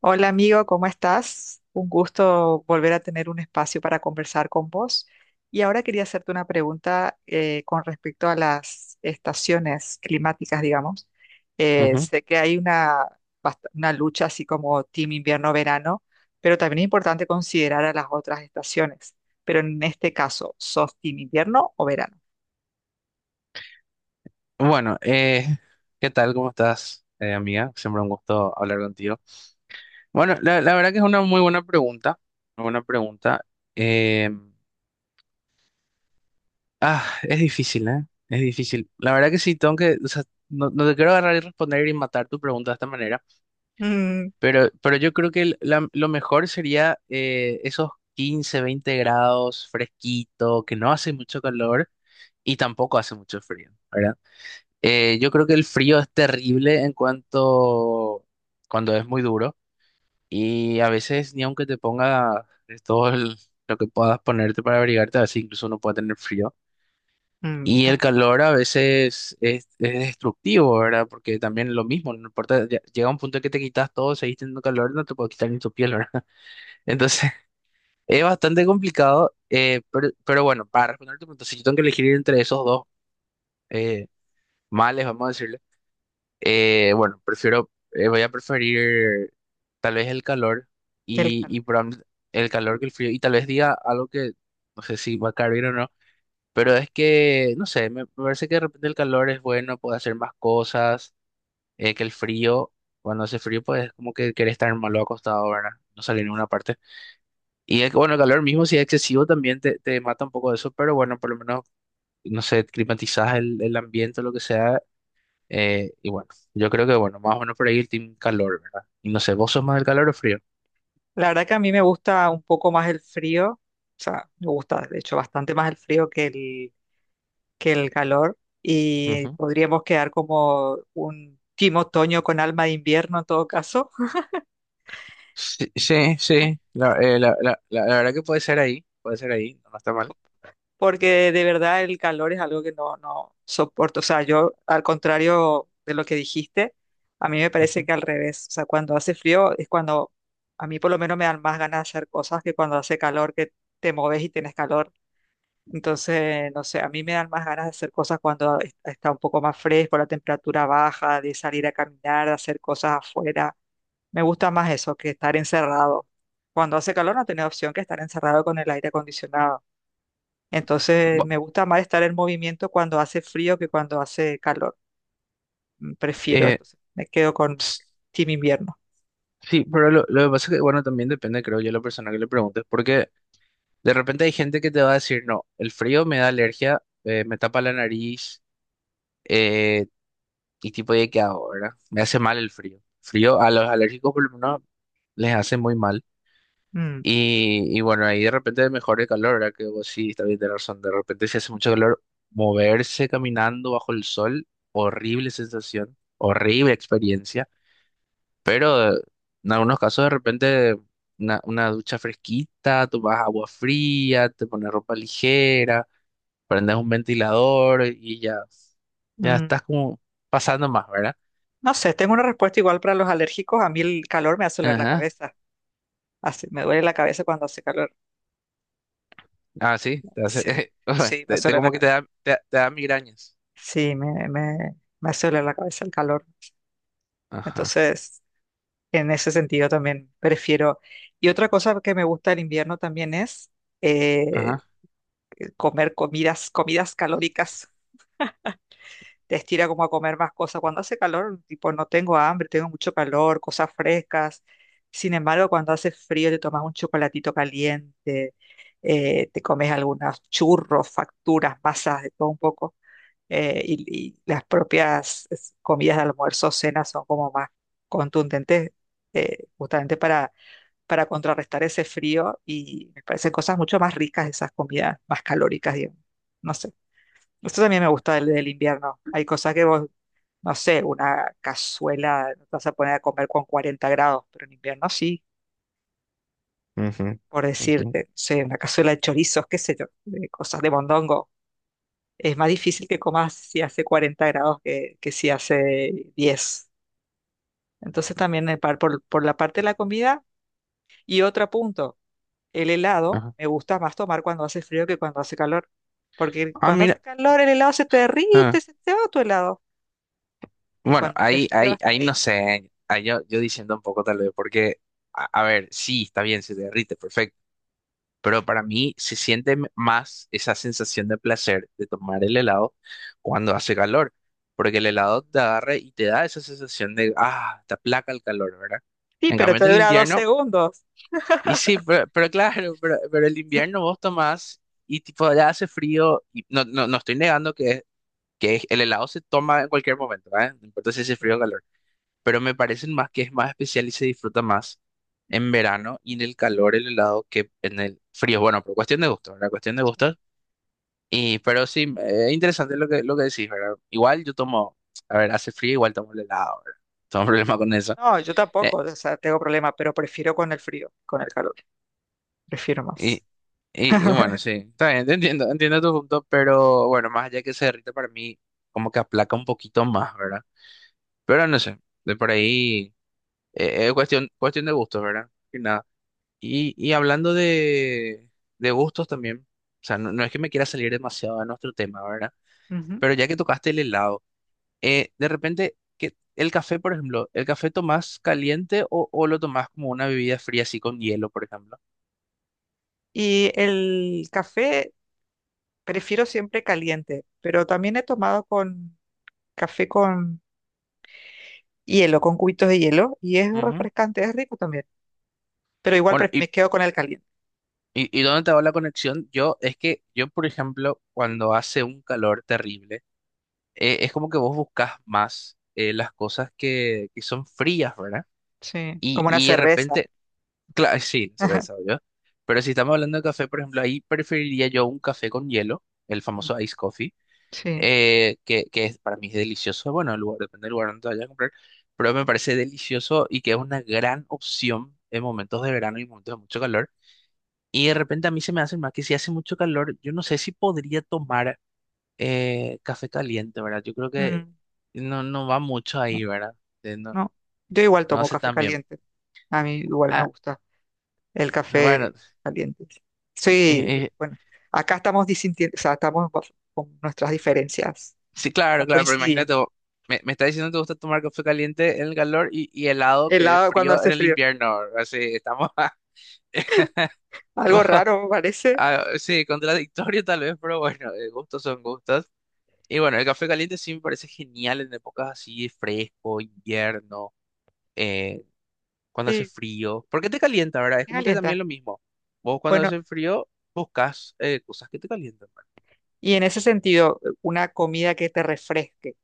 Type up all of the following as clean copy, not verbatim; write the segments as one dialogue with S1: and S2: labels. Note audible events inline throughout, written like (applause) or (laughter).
S1: Hola amigo, ¿cómo estás? Un gusto volver a tener un espacio para conversar con vos. Y ahora quería hacerte una pregunta con respecto a las estaciones climáticas, digamos.
S2: Ujú.
S1: Sé que hay una, una lucha así como team invierno-verano, pero también es importante considerar a las otras estaciones. Pero en este caso, ¿sos team invierno o verano?
S2: Bueno, ¿qué tal? ¿Cómo estás, amiga? Siempre un gusto hablar contigo. Bueno, la verdad que es una muy buena pregunta, una buena pregunta. Eh, es difícil, ¿eh? Es difícil. La verdad que sí, tengo que, o sea, no te quiero agarrar y responder y matar tu pregunta de esta manera,
S1: Mm,
S2: pero yo creo que lo mejor sería esos 15, 20 grados, fresquito, que no hace mucho calor y tampoco hace mucho frío, ¿verdad? Yo creo que el frío es terrible en cuanto cuando es muy duro y a veces ni aunque te ponga de todo lo que puedas ponerte para abrigarte, a veces incluso uno puede tener frío.
S1: mm,
S2: Y el
S1: ah,
S2: calor a veces es destructivo, ¿verdad? Porque también lo mismo, no importa, llega un punto que te quitas todo, seguís teniendo calor, no te puedes quitar ni tu piel, ¿verdad? (laughs) Entonces es bastante complicado, pero bueno, para responder tu pregunta, si yo tengo que elegir entre esos dos eh, males, vamos a decirlo. Bueno, voy a preferir tal vez el calor
S1: qué el
S2: y
S1: calor.
S2: probablemente el calor que el frío. Y tal vez diga algo que no sé si va a caer bien o no, pero es que, no sé, me parece que de repente el calor es bueno, puede hacer más cosas, que el frío, cuando hace frío, pues es como que querés estar malo acostado, ¿verdad? No salir en ninguna parte. Y es que, bueno, el calor mismo, si es excesivo, también te mata un poco de eso, pero bueno, por lo menos, no sé, climatizás el ambiente o lo que sea y bueno, yo creo que, bueno, más o menos por ahí el team calor, ¿verdad? Y no sé,
S1: Mm.
S2: ¿vos sos más del calor o frío?
S1: La verdad que a mí me gusta un poco más el frío, o sea, me gusta de hecho bastante más el frío que que el calor y
S2: Ujú.
S1: podríamos quedar como un team otoño con alma de invierno en todo caso,
S2: Sí, sí, sí. La verdad que puede ser ahí, no está mal.
S1: porque de verdad el calor es algo que no soporto. O sea, yo al contrario de lo que dijiste, a mí me parece
S2: Ujú.
S1: que al revés, o sea, cuando hace frío es cuando a mí por lo menos me dan más ganas de hacer cosas que cuando hace calor que te moves y tienes calor. Entonces, no sé, a mí me dan más ganas de hacer cosas cuando está un poco más fresco, la temperatura baja, de salir a caminar, de hacer cosas afuera. Me gusta más eso que estar encerrado. Cuando hace calor no tenés opción que estar encerrado con el aire acondicionado. Entonces,
S2: Bu-
S1: me gusta más estar en movimiento cuando hace frío que cuando hace calor. Prefiero,
S2: eh,
S1: entonces, me quedo con
S2: ps-
S1: team invierno.
S2: sí, pero lo que pasa es que, bueno, también depende, creo yo, la persona que le preguntes, porque de repente hay gente que te va a decir, no, el frío me da alergia, me tapa la nariz, eh, y tipo, de qué hago, ¿verdad? Me hace mal el frío. Frío a los alérgicos por lo menos les hace muy mal.
S1: Mm,
S2: Y bueno, ahí de repente mejor el calor, ¿verdad? Que vos sí, está bien, tenés razón. De repente si hace mucho calor, moverse caminando bajo el sol, horrible sensación, horrible experiencia. Pero en algunos casos de repente una ducha fresquita, tomás agua fría, te pones ropa ligera, prendes un ventilador y ya, ya
S1: mm.
S2: estás como pasando más, ¿verdad?
S1: No sé, tengo una respuesta igual para los alérgicos. A mí el calor me hace doler la
S2: Ajá.
S1: cabeza. Me duele la cabeza cuando hace calor.
S2: Ah, sí,
S1: Sí,
S2: (laughs)
S1: sí, me
S2: te-
S1: suele la
S2: como que te
S1: cabeza.
S2: da, te da migrañas.
S1: Sí, me suele la cabeza el calor.
S2: Ajá,
S1: Entonces, en ese sentido también prefiero. Y otra cosa que me gusta del invierno también es eh,
S2: ajá.
S1: comer comidas calóricas. Te estira como a comer más cosas. Cuando hace calor, tipo, no tengo hambre, tengo mucho calor, cosas frescas. Sin embargo, cuando hace frío, te tomas un chocolatito caliente, te comes algunos churros, facturas, masas, de todo un poco. Y las comidas de almuerzo, cenas son como más contundentes, justamente para contrarrestar ese frío y me parecen cosas mucho más ricas esas comidas, más calóricas, digamos. No sé. Esto también me gusta del invierno. Hay cosas que vos, no sé, una cazuela no te vas a poner a comer con 40 grados, pero en invierno sí,
S2: Ujú,
S1: por
S2: ujú,
S1: decirte, no sé, una cazuela de chorizos, qué sé yo, de cosas de mondongo es más difícil que comas si hace 40 grados que si hace 10. Entonces también por la parte de la comida. Y otro punto, el helado
S2: ajá.
S1: me gusta más tomar cuando hace frío que cuando hace calor. Porque
S2: Ah,
S1: cuando hace
S2: mira.
S1: calor el helado se te derrite,
S2: Ah.
S1: se te va tu helado. Y
S2: Bueno,
S1: cuando hace
S2: ahí,
S1: frío
S2: ahí,
S1: hasta
S2: ahí no
S1: ahí.
S2: sé. Ahí yo diciendo un poco tal vez, porque, a ver, sí, está bien, se derrite, perfecto. Pero para mí se siente más esa sensación de placer de tomar el helado cuando hace calor. Porque el helado te
S1: Mm,
S2: agarra y te da esa sensación de, te aplaca el calor, ¿verdad?
S1: Sí,
S2: En
S1: pero
S2: cambio,
S1: te
S2: en el
S1: dura dos
S2: invierno,
S1: segundos.
S2: y sí, pero, claro, pero el invierno
S1: (laughs)
S2: vos tomás y tipo ya hace frío, y no estoy negando que el helado se toma en cualquier momento, ¿eh? No importa si hace
S1: Sí.
S2: frío o calor, pero me parecen más que es más especial y se disfruta más en verano y en el calor el helado que en el frío. Bueno, por cuestión de gusto, ¿verdad? Cuestión de gustos. Pero sí, es interesante lo que decís, ¿verdad? Igual yo tomo, a ver, hace frío, igual tomo el helado, ¿verdad? (laughs) Tengo un problema con eso.
S1: No, yo
S2: Eh,
S1: tampoco, o sea, tengo problema, pero prefiero con el frío, con el calor, prefiero
S2: y,
S1: más.
S2: y bueno,
S1: (laughs)
S2: sí, está bien, te entiendo, entiendo tu punto, pero bueno, más allá que se derrita para mí, como que aplaca un poquito más, ¿verdad? Pero no sé, de por ahí. Es cuestión de gustos, ¿verdad? Y nada. Y hablando de gustos también, o sea, no es que me quiera salir demasiado de nuestro tema, ¿verdad?
S1: Ujú.
S2: Pero ya que tocaste el helado, de repente, el café, por ejemplo, ¿el café tomás caliente o lo tomás como una bebida fría así con hielo, por ejemplo?
S1: Y el café prefiero siempre caliente, pero también he tomado con café con hielo, con cubitos de hielo, y es
S2: Ujú.
S1: refrescante, es rico también. Pero igual
S2: Bueno, y,
S1: me quedo con el caliente.
S2: y, y dónde te va la conexión? Es que yo, por ejemplo, cuando hace un calor terrible, es como que vos buscas más las cosas que son frías, ¿verdad?
S1: Sí, como una
S2: Y de
S1: cerveza.
S2: repente Claro, sí, se lo he
S1: (laughs)
S2: sabido yo. Pero si estamos hablando de café, por ejemplo, ahí preferiría yo un café con hielo, el
S1: Mm,
S2: famoso ice coffee,
S1: Sí.
S2: para mí es delicioso. Bueno, depende del lugar donde te vayas a comprar, pero me parece delicioso y que es una gran opción en momentos de verano y momentos de mucho calor. Y de repente a mí se me hace más que si hace mucho calor, yo no sé si podría tomar café caliente, ¿verdad? Yo creo que
S1: Mm,
S2: no va mucho ahí,
S1: No,
S2: ¿verdad? Eh, No,
S1: no. Yo igual
S2: no
S1: tomo
S2: hace
S1: café
S2: tan bien.
S1: caliente. A mí igual me
S2: Ah,
S1: gusta el
S2: bueno.
S1: café caliente.
S2: Eh,
S1: Sí,
S2: eh,
S1: bueno, acá estamos disintiendo, o sea, estamos con nuestras diferencias,
S2: Sí, claro,
S1: no
S2: claro, pero imagínate,
S1: coinciden.
S2: vos, me está diciendo que te gusta tomar café caliente en el calor y helado que es
S1: Helado cuando
S2: frío en
S1: hace
S2: el
S1: frío.
S2: invierno. Así estamos. (laughs)
S1: Algo
S2: bajo-
S1: raro, parece.
S2: ah, sí, contradictorio tal vez, pero bueno, gustos son gustos. Y bueno, el café caliente sí me parece genial en épocas así de fresco, invierno, eh, cuando hace
S1: Sí,
S2: frío. Porque te calienta, ¿verdad? Es como que
S1: caliente.
S2: también lo mismo. Vos cuando
S1: Bueno,
S2: hace frío buscas cosas que te calientan.
S1: y en ese sentido, una comida que te refresque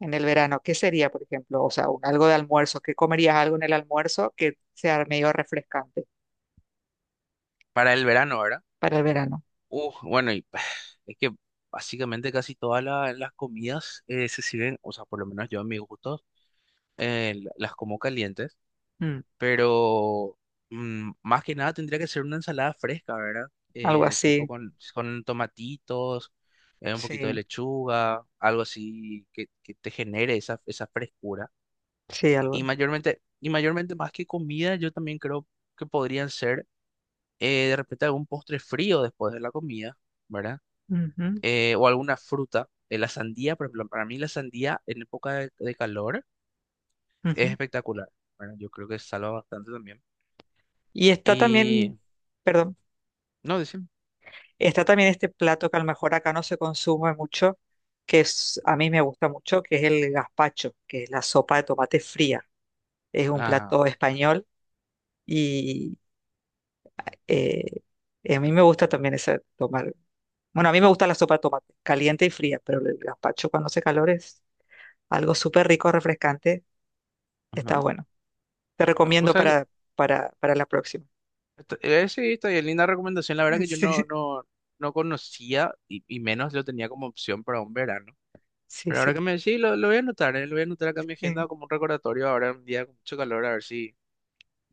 S1: en el verano, ¿qué sería, por ejemplo? O sea, algo de almuerzo, ¿qué comerías algo en el almuerzo que sea medio refrescante
S2: Para el verano, ¿verdad?
S1: para el verano?
S2: Bueno, y (sighs) es que básicamente casi todas las comidas se sirven, o sea, por lo menos yo en mis gustos, las como calientes,
S1: Mm,
S2: pero más que nada tendría que ser una ensalada fresca, ¿verdad?
S1: algo
S2: Tipo
S1: así,
S2: con, tomatitos, un poquito de
S1: sí,
S2: lechuga, algo así que te genere esa frescura.
S1: sí, algo.
S2: Y mayormente más que comida, yo también creo que podrían ser de repente algún postre frío después de la comida, ¿verdad?
S1: Ujú,
S2: O alguna fruta. La sandía, por ejemplo, para mí la sandía en época de, calor es
S1: ujú.
S2: espectacular. Bueno, yo creo que salva bastante también.
S1: Y está también,
S2: Y
S1: perdón,
S2: no, decime.
S1: está también este plato que a lo mejor acá no se consume mucho, que es, a mí me gusta mucho, que es el gazpacho, que es la sopa de tomate fría. Es un
S2: Ajá,
S1: plato español. Eh, y a mí me gusta también esa tomar. Bueno, a mí me gusta la sopa de tomate, caliente y fría, pero el gazpacho cuando hace calor es algo súper rico, refrescante. Está
S2: ajá.
S1: bueno. Te
S2: No, o
S1: recomiendo
S2: sea, que
S1: para la próxima. (laughs)
S2: sí, está bien, linda recomendación. La verdad que yo no,
S1: Sí,
S2: no, no conocía y menos lo tenía como opción para un verano.
S1: sí,
S2: Pero ahora que
S1: sí,
S2: me decís, lo voy a anotar acá en mi agenda
S1: sí.
S2: como un recordatorio ahora un día con mucho calor, a ver si,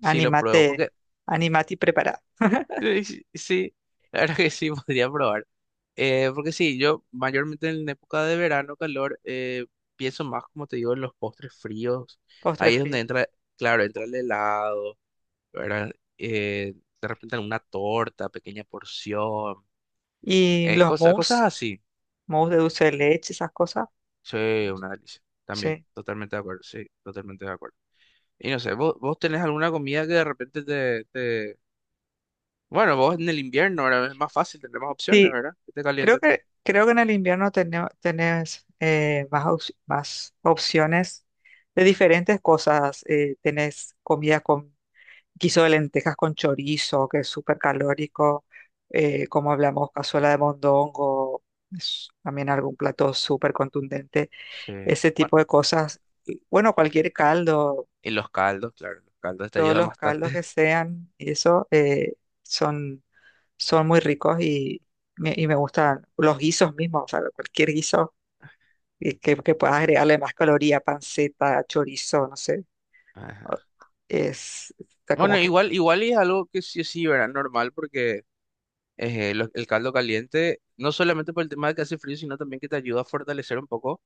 S2: si lo pruebo.
S1: Anímate,
S2: Porque
S1: anímate y prepara
S2: Sí, sí, la verdad que sí, (laughs) podría probar. Porque sí, yo mayormente en la época de verano, calor, pienso más, como te digo, en los postres fríos.
S1: postre
S2: Ahí es
S1: frío.
S2: donde entra, claro, entra el helado, ¿verdad? Eh, de repente alguna torta, pequeña porción,
S1: Y los
S2: cosas
S1: mousse,
S2: así.
S1: mousse de dulce de leche, esas cosas.
S2: Sí, una delicia. También,
S1: Sí.
S2: totalmente de acuerdo, sí, totalmente de acuerdo. Y no sé, ¿vos, tenés alguna comida que de repente te, te? Bueno, vos en el invierno, ahora es más fácil, tenés opciones,
S1: Sí,
S2: ¿verdad? Que te caliente.
S1: Creo que en el invierno tenés más opciones de diferentes cosas. Tenés comida con guiso de lentejas con chorizo, que es súper calórico, como hablamos, cazuela de mondongo, es también algún plato súper contundente.
S2: Sí.
S1: Ese tipo
S2: Bueno,
S1: de cosas. Y, Bueno, cualquier caldo,
S2: y los caldos, claro, los caldos te
S1: todos
S2: ayudan
S1: los caldos
S2: bastante.
S1: que
S2: (laughs)
S1: sean, y eso son, son muy ricos y y me gustan los guisos mismos, o sea, cualquier guiso que puedas agregarle más caloría, panceta, chorizo, no sé, o-
S2: Ajá.
S1: está
S2: Bueno,
S1: como que,
S2: igual y es algo que sí, sí, ¿verdad? Normal, porque el caldo caliente, no solamente por el tema de que hace frío, sino también que te ayuda a fortalecer un poco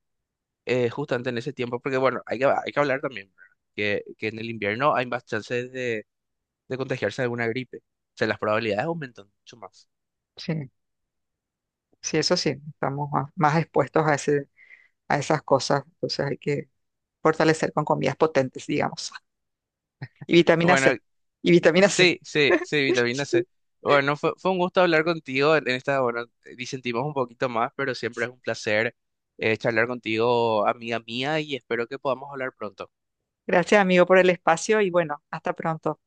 S2: justamente en ese tiempo, porque bueno, hay que hablar también, ¿verdad? Que en el invierno hay más chances de, contagiarse de alguna gripe. O sea, las probabilidades aumentan mucho más.
S1: sí, sí, eso sí, estamos más expuestos a ese, a esas cosas, entonces hay que fortalecer con comidas potentes, digamos, y vitamina
S2: Bueno,
S1: C, y vitamina C.
S2: sí, sí, sí, vitamina
S1: (laughs)
S2: C. Bueno, fue un gusto hablar contigo en esta, bueno, disentimos un poquito más, pero siempre es un placer charlar contigo, amiga mía, y espero que podamos hablar pronto.
S1: Gracias, amigo, por el espacio y bueno, hasta pronto.